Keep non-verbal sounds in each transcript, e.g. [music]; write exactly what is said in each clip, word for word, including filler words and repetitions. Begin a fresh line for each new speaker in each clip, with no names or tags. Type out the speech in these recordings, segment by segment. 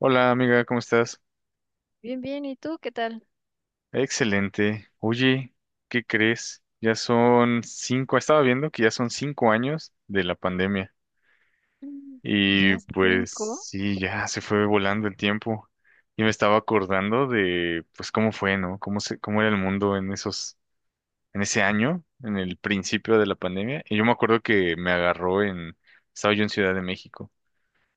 Hola amiga, ¿cómo estás?
Bien, bien. ¿Y tú qué tal?
Excelente. Oye, ¿qué crees? Ya son cinco, estaba viendo que ya son cinco años de la pandemia
Mm. Ya
y pues
cinco.
sí, ya se fue volando el tiempo y me estaba acordando de pues cómo fue, ¿no? Cómo se, cómo era el mundo en esos, en ese año, en el principio de la pandemia y yo me acuerdo que me agarró en, estaba yo en Ciudad de México.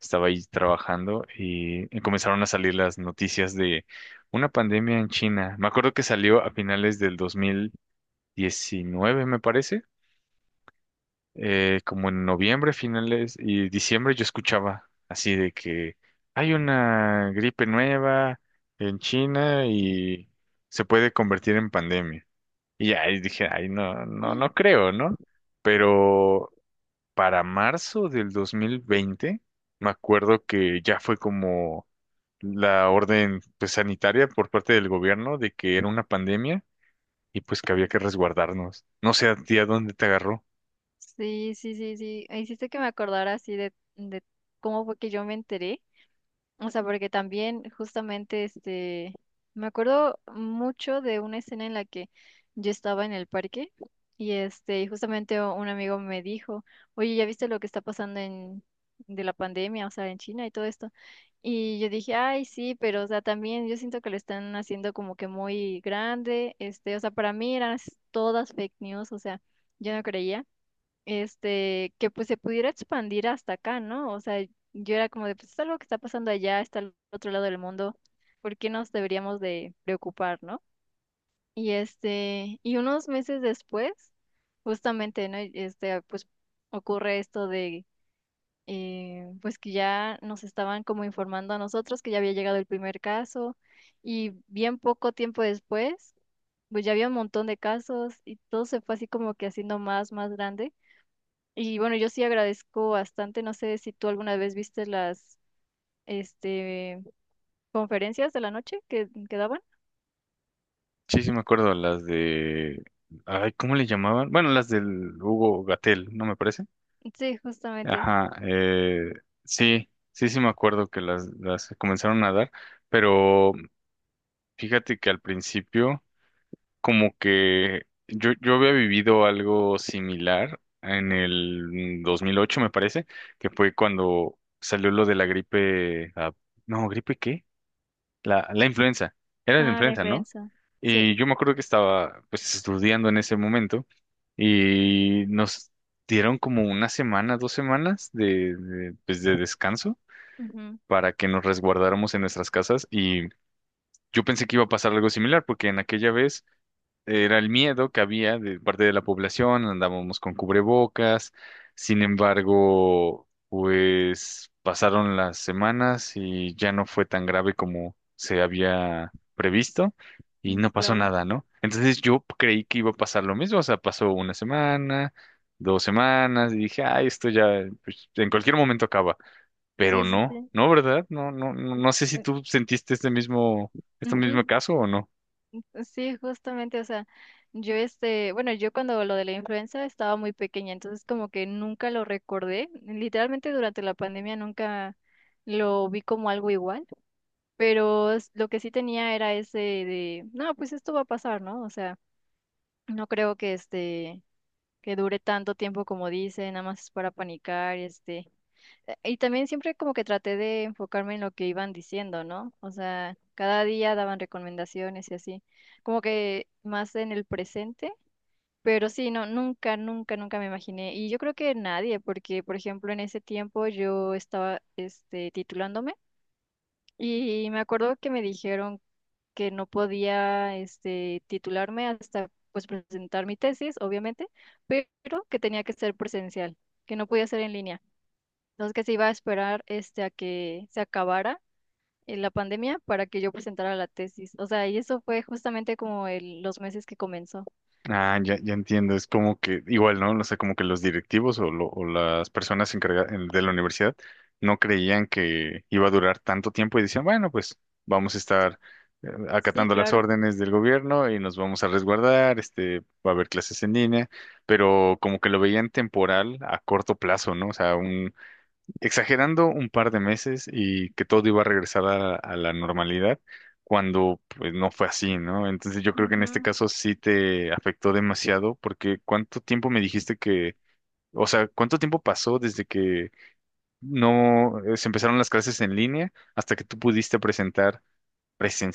Estaba ahí trabajando y y comenzaron a salir las noticias de una pandemia en China. Me acuerdo que salió a finales del dos mil diecinueve, me parece, eh, como en noviembre, finales y diciembre yo escuchaba así de que hay una gripe nueva en China y se puede convertir en pandemia. Y ahí dije, ay, no, no, no creo, ¿no? Pero para marzo del dos mil veinte, me acuerdo que ya fue como la orden pues, sanitaria por parte del gobierno de que era una pandemia y pues que había que resguardarnos. No sé a ti a dónde te agarró.
Sí, sí, sí, sí. Hiciste que me acordara así de, de cómo fue que yo me enteré. O sea, porque también justamente este, me acuerdo mucho de una escena en la que yo estaba en el parque y este, y justamente u- un amigo me dijo, oye, ¿ya viste lo que está pasando en de la pandemia, o sea, en China y todo esto? Y yo dije, ay, sí, pero o sea, también yo siento que lo están haciendo como que muy grande, este, o sea, para mí eran s- todas fake news, o sea, yo no creía este, que pues se pudiera expandir hasta acá, ¿no? O sea, yo era como de, pues es algo que está pasando allá, está al otro lado del mundo, ¿por qué nos deberíamos de preocupar?, ¿no? Y este, y unos meses después, justamente, ¿no? Este, pues ocurre esto de, eh, pues que ya nos estaban como informando a nosotros que ya había llegado el primer caso y bien poco tiempo después, pues ya había un montón de casos y todo se fue así como que haciendo más, más grande. Y bueno, yo sí agradezco bastante, no sé si tú alguna vez viste las este conferencias de la noche que, que daban.
Sí, sí me acuerdo, las de... Ay, ¿cómo le llamaban? Bueno, las del Hugo Gatel, ¿no me parece?
Sí, justamente.
Ajá, eh, sí, sí, sí me acuerdo que las, las comenzaron a dar, pero fíjate que al principio... Como que yo, yo había vivido algo similar en el dos mil ocho me parece, que fue cuando salió lo de la gripe, ah, no, ¿gripe qué? La, la influenza, era la
Ah, la
influenza, ¿no?
influenza. Sí.
Y yo me acuerdo que estaba pues estudiando en ese momento y nos dieron como una semana, dos semanas de, de, pues, de descanso
Ujú,
para que nos resguardáramos en nuestras casas y yo pensé que iba a pasar algo similar porque en aquella vez era el miedo que había de parte de la población, andábamos con cubrebocas, sin embargo, pues pasaron las semanas y ya no fue tan grave como se había previsto y
mm,
no pasó
claro.
nada, ¿no? Entonces yo creí que iba a pasar lo mismo, o sea, pasó una semana, dos semanas y dije, ay, esto ya pues, en cualquier momento acaba, pero
Sí, sí,
no,
sí.
no, ¿verdad? No, no, no no sé si
Eh,
tú sentiste este mismo, este
Ujú.
mismo caso o no.
Sí, justamente, o sea, yo este, bueno, yo cuando lo de la influenza estaba muy pequeña, entonces como que nunca lo recordé. Literalmente durante la pandemia nunca lo vi como algo igual, pero s- lo que sí tenía era ese de, no, pues esto va a pasar, ¿no? O sea, no creo que este que dure tanto tiempo como dice, nada más es para panicar, este. Eh, Y también siempre como que traté de enfocarme en lo que iban diciendo, ¿no? O sea, cada día daban recomendaciones y así, como que más en el presente, pero sí, no, nunca, nunca, nunca me imaginé. Y yo creo que nadie, porque por ejemplo en ese tiempo yo estaba este titulándome. Y me acuerdo que me dijeron que no podía este, titularme hasta pues presentar mi tesis, obviamente, pero que tenía que ser presencial, que no podía ser en línea. Entonces que se iba a esperar este, a que se acabara eh, la pandemia para que yo presentara la tesis. O sea, y eso fue justamente como el- los meses que comenzó.
Ah, ya, ya entiendo, es como que igual, ¿no? O sea, como que los directivos o, lo- o las personas encargadas de la universidad no creían que iba a durar tanto tiempo y decían, bueno, pues vamos a estar eh,
Sí,
acatando las
claro.
órdenes del gobierno y nos vamos a resguardar, este, va a haber clases en línea, pero como que lo veían temporal a corto plazo, ¿no? O sea, exagerando un par de meses y que todo iba a regresar a, a la normalidad cuando pues no fue así, ¿no? Entonces yo creo que en este
Ujú.
caso sí te afectó demasiado porque ¿cuánto tiempo me dijiste que, o sea, cuánto tiempo pasó desde que no eh, se empezaron las clases en línea hasta que tú pudiste presentar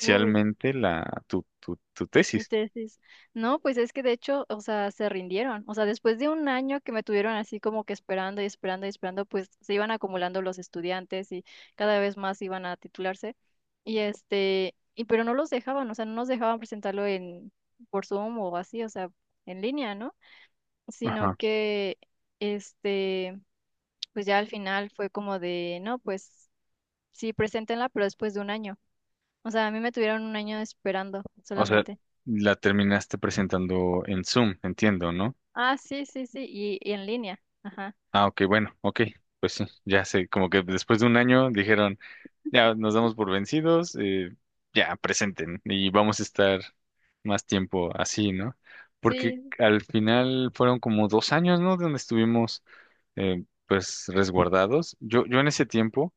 Uy.
la tu tu tu
Mi
tesis?
tesis. No, pues es que de hecho, o sea, se rindieron. O sea, después de un año que me tuvieron así como que esperando y esperando y esperando, pues se iban acumulando los estudiantes y cada vez más iban a titularse. Y este, y pero no los dejaban, o sea, no nos dejaban presentarlo en por Zoom o así, o sea, en línea, ¿no? Sino
Ajá.
que este, pues ya al final fue como de, no, pues sí, preséntenla, pero después de un año. O sea, a mí me tuvieron un año esperando
O sea,
solamente.
la terminaste presentando en Zoom, entiendo, ¿no?
Ah, sí, sí, sí, y, y en línea. Ajá.
Ah, ok, bueno, ok, pues sí, ya sé, como que después de un año dijeron, ya nos damos por vencidos, eh, ya presenten y vamos a estar más tiempo así, ¿no? Porque
Sí.
al final fueron como dos años, ¿no? Donde estuvimos, eh, pues, resguardados. Yo, yo en ese tiempo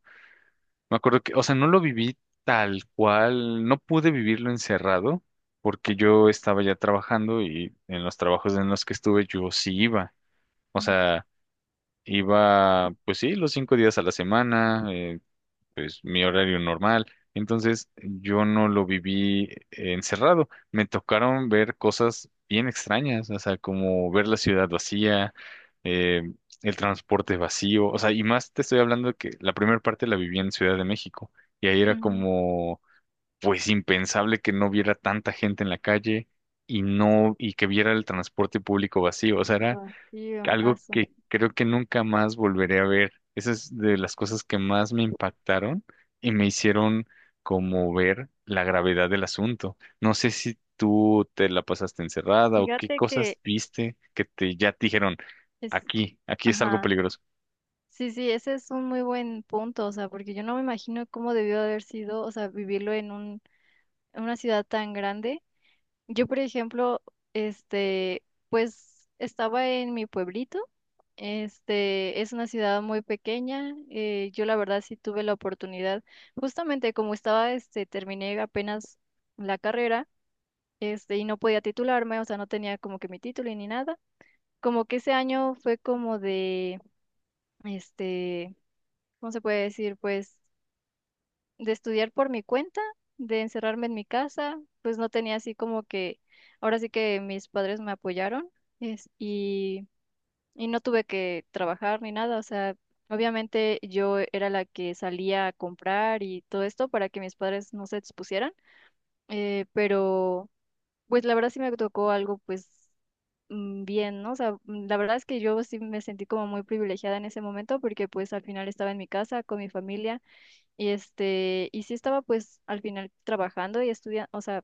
me acuerdo que, o sea, no lo viví tal cual, no pude vivirlo encerrado porque yo estaba ya trabajando y en los trabajos en los que estuve yo sí iba, o sea Iba, pues sí, los cinco días a la semana, eh, pues mi horario normal. Entonces yo no lo viví encerrado. Me tocaron ver cosas bien extrañas, o sea, como ver la ciudad vacía, eh, el transporte vacío. O sea, y más te estoy hablando de que la primera parte la viví en Ciudad de México. Y ahí era
Ujú.
como, pues impensable que no viera tanta gente en la calle y no, y que viera el transporte público vacío. O sea, era
Vacío,
algo
aso.
que creo que nunca más volveré a ver. Esa es de las cosas que más me impactaron y me hicieron como ver la gravedad del asunto. No sé si tú te la pasaste encerrada o qué
Fíjate que
cosas viste que te ya te dijeron,
es,
aquí, aquí es algo
ajá.
peligroso.
Sí, sí, ese es un muy buen punto, o sea, porque yo no me imagino cómo debió haber sido, o sea, vivirlo en un, en una ciudad tan grande. Yo, por ejemplo, este, pues estaba en mi pueblito. Este es una ciudad muy pequeña. eh, yo la verdad sí tuve la oportunidad, justamente como estaba, este, terminé apenas la carrera. este, y no podía titularme, o sea, no tenía como que mi título y ni nada. Como que ese año fue como de, este, ¿cómo se puede decir? Pues de estudiar por mi cuenta, de encerrarme en mi casa, pues no tenía así como que, ahora sí que mis padres me apoyaron, es, y, y no tuve que trabajar ni nada, o sea, obviamente yo era la que salía a comprar y todo esto para que mis padres no se expusieran, eh, pero. Pues la verdad sí me tocó algo pues mm, bien, ¿no? O sea, mm, la verdad es que yo sí me sentí como muy privilegiada en ese momento porque pues al final estaba en mi casa con mi familia y este, y sí estaba pues al final trabajando y estudiando, o sea,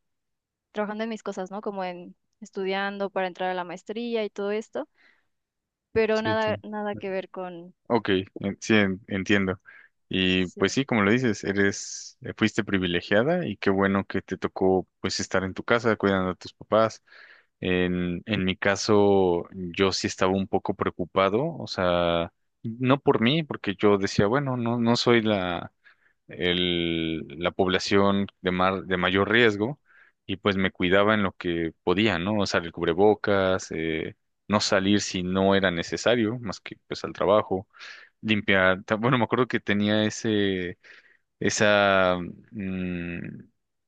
trabajando en mis cosas, ¿no? Como en estudiando para entrar a la maestría y todo esto, pero
Sí,
nada,
sí.
nada que ver con.
Ok, en- sí, en- entiendo. Y pues
Sí.
sí, como lo dices, eres, eh, fuiste privilegiada y qué bueno que te tocó pues estar en tu casa cuidando a tus papás. En, en mi caso, yo sí estaba un poco preocupado, o sea, no por mí, porque yo decía, bueno, no, no soy la, el- la población de, mar- de mayor riesgo, y pues me cuidaba en lo que podía, ¿no? O sea, el cubrebocas, eh, no salir si no era necesario, más que pues al trabajo, limpiar, ta- bueno, me acuerdo que tenía ese, esa mm,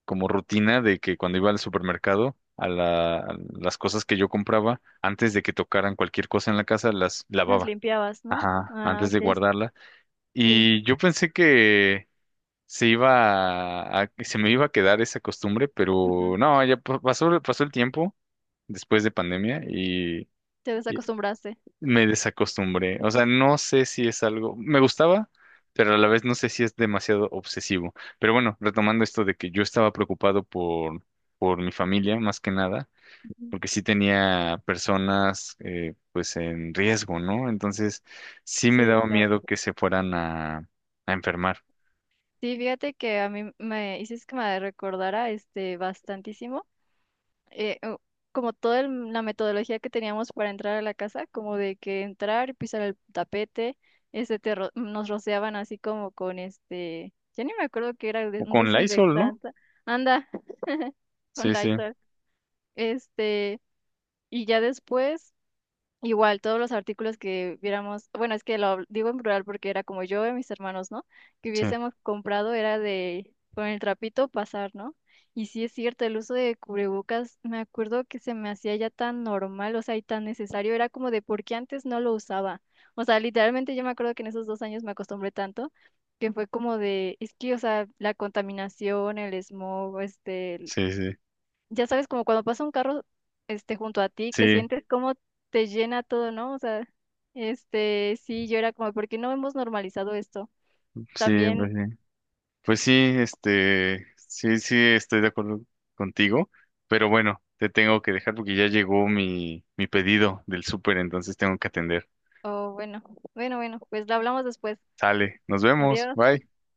como rutina de que cuando iba al supermercado, a la- a las cosas que yo compraba, antes de que tocaran cualquier cosa en la casa, las
Las
lavaba,
limpiabas, ¿no?
ah,
Ah,
antes de
ok,
guardarla.
sí.
Y yo pensé que se iba a- a- se me iba a quedar esa costumbre,
Ujú.
pero no, ya pa- pasó, pasó el tiempo después de pandemia y
Te desacostumbraste.
me desacostumbré. O sea, no sé si es algo, me gustaba, pero a la vez no sé si es demasiado obsesivo. Pero bueno, retomando esto de que yo estaba preocupado por, por mi familia, más que nada,
Ujú.
porque sí tenía personas eh, pues en riesgo, ¿no? Entonces sí me
Sí,
daba
claro.
miedo que se fueran a, a enfermar.
Sí, fíjate que a mí me hiciste que me recordara este bastantísimo, eh, u- como toda el- la metodología que teníamos para entrar a la casa, como de que entrar, y pisar el tapete, este te ro- nos rociaban así como con este, ya ni me acuerdo que era de-
O
un
con Lysol, ¿no?
desinfectante, anda, [laughs] con
Sí, sí,
Lysol, este, y ya después igual, todos los artículos que viéramos, bueno, es que lo habl- digo en plural porque era como yo y mis hermanos, ¿no? Que
sí,
hubiésemos comprado era de con el trapito pasar, ¿no? Y sí es cierto, el uso de cubrebocas, me acuerdo que se me hacía ya tan normal, o sea, y tan necesario, era como de por qué antes no lo usaba. O sea, literalmente yo me acuerdo que en esos dos años me acostumbré tanto que fue como de, es que, o sea, la contaminación, el smog, este,
sí, sí.
ya sabes, como cuando pasa un carro este, junto a ti, que
Sí,
sientes cómo te llena todo, ¿no? O sea, este, sí, yo era como, ¿por qué no hemos normalizado esto?
sí, pues,
También,
sí. Pues sí, este, sí, sí, estoy de acuerdo contigo, pero bueno, te tengo que dejar porque ya llegó mi, mi pedido del súper, entonces tengo que atender.
oh, bueno, bueno, bueno, pues lo hablamos después.
Sale, nos vemos,
Adiós.
bye.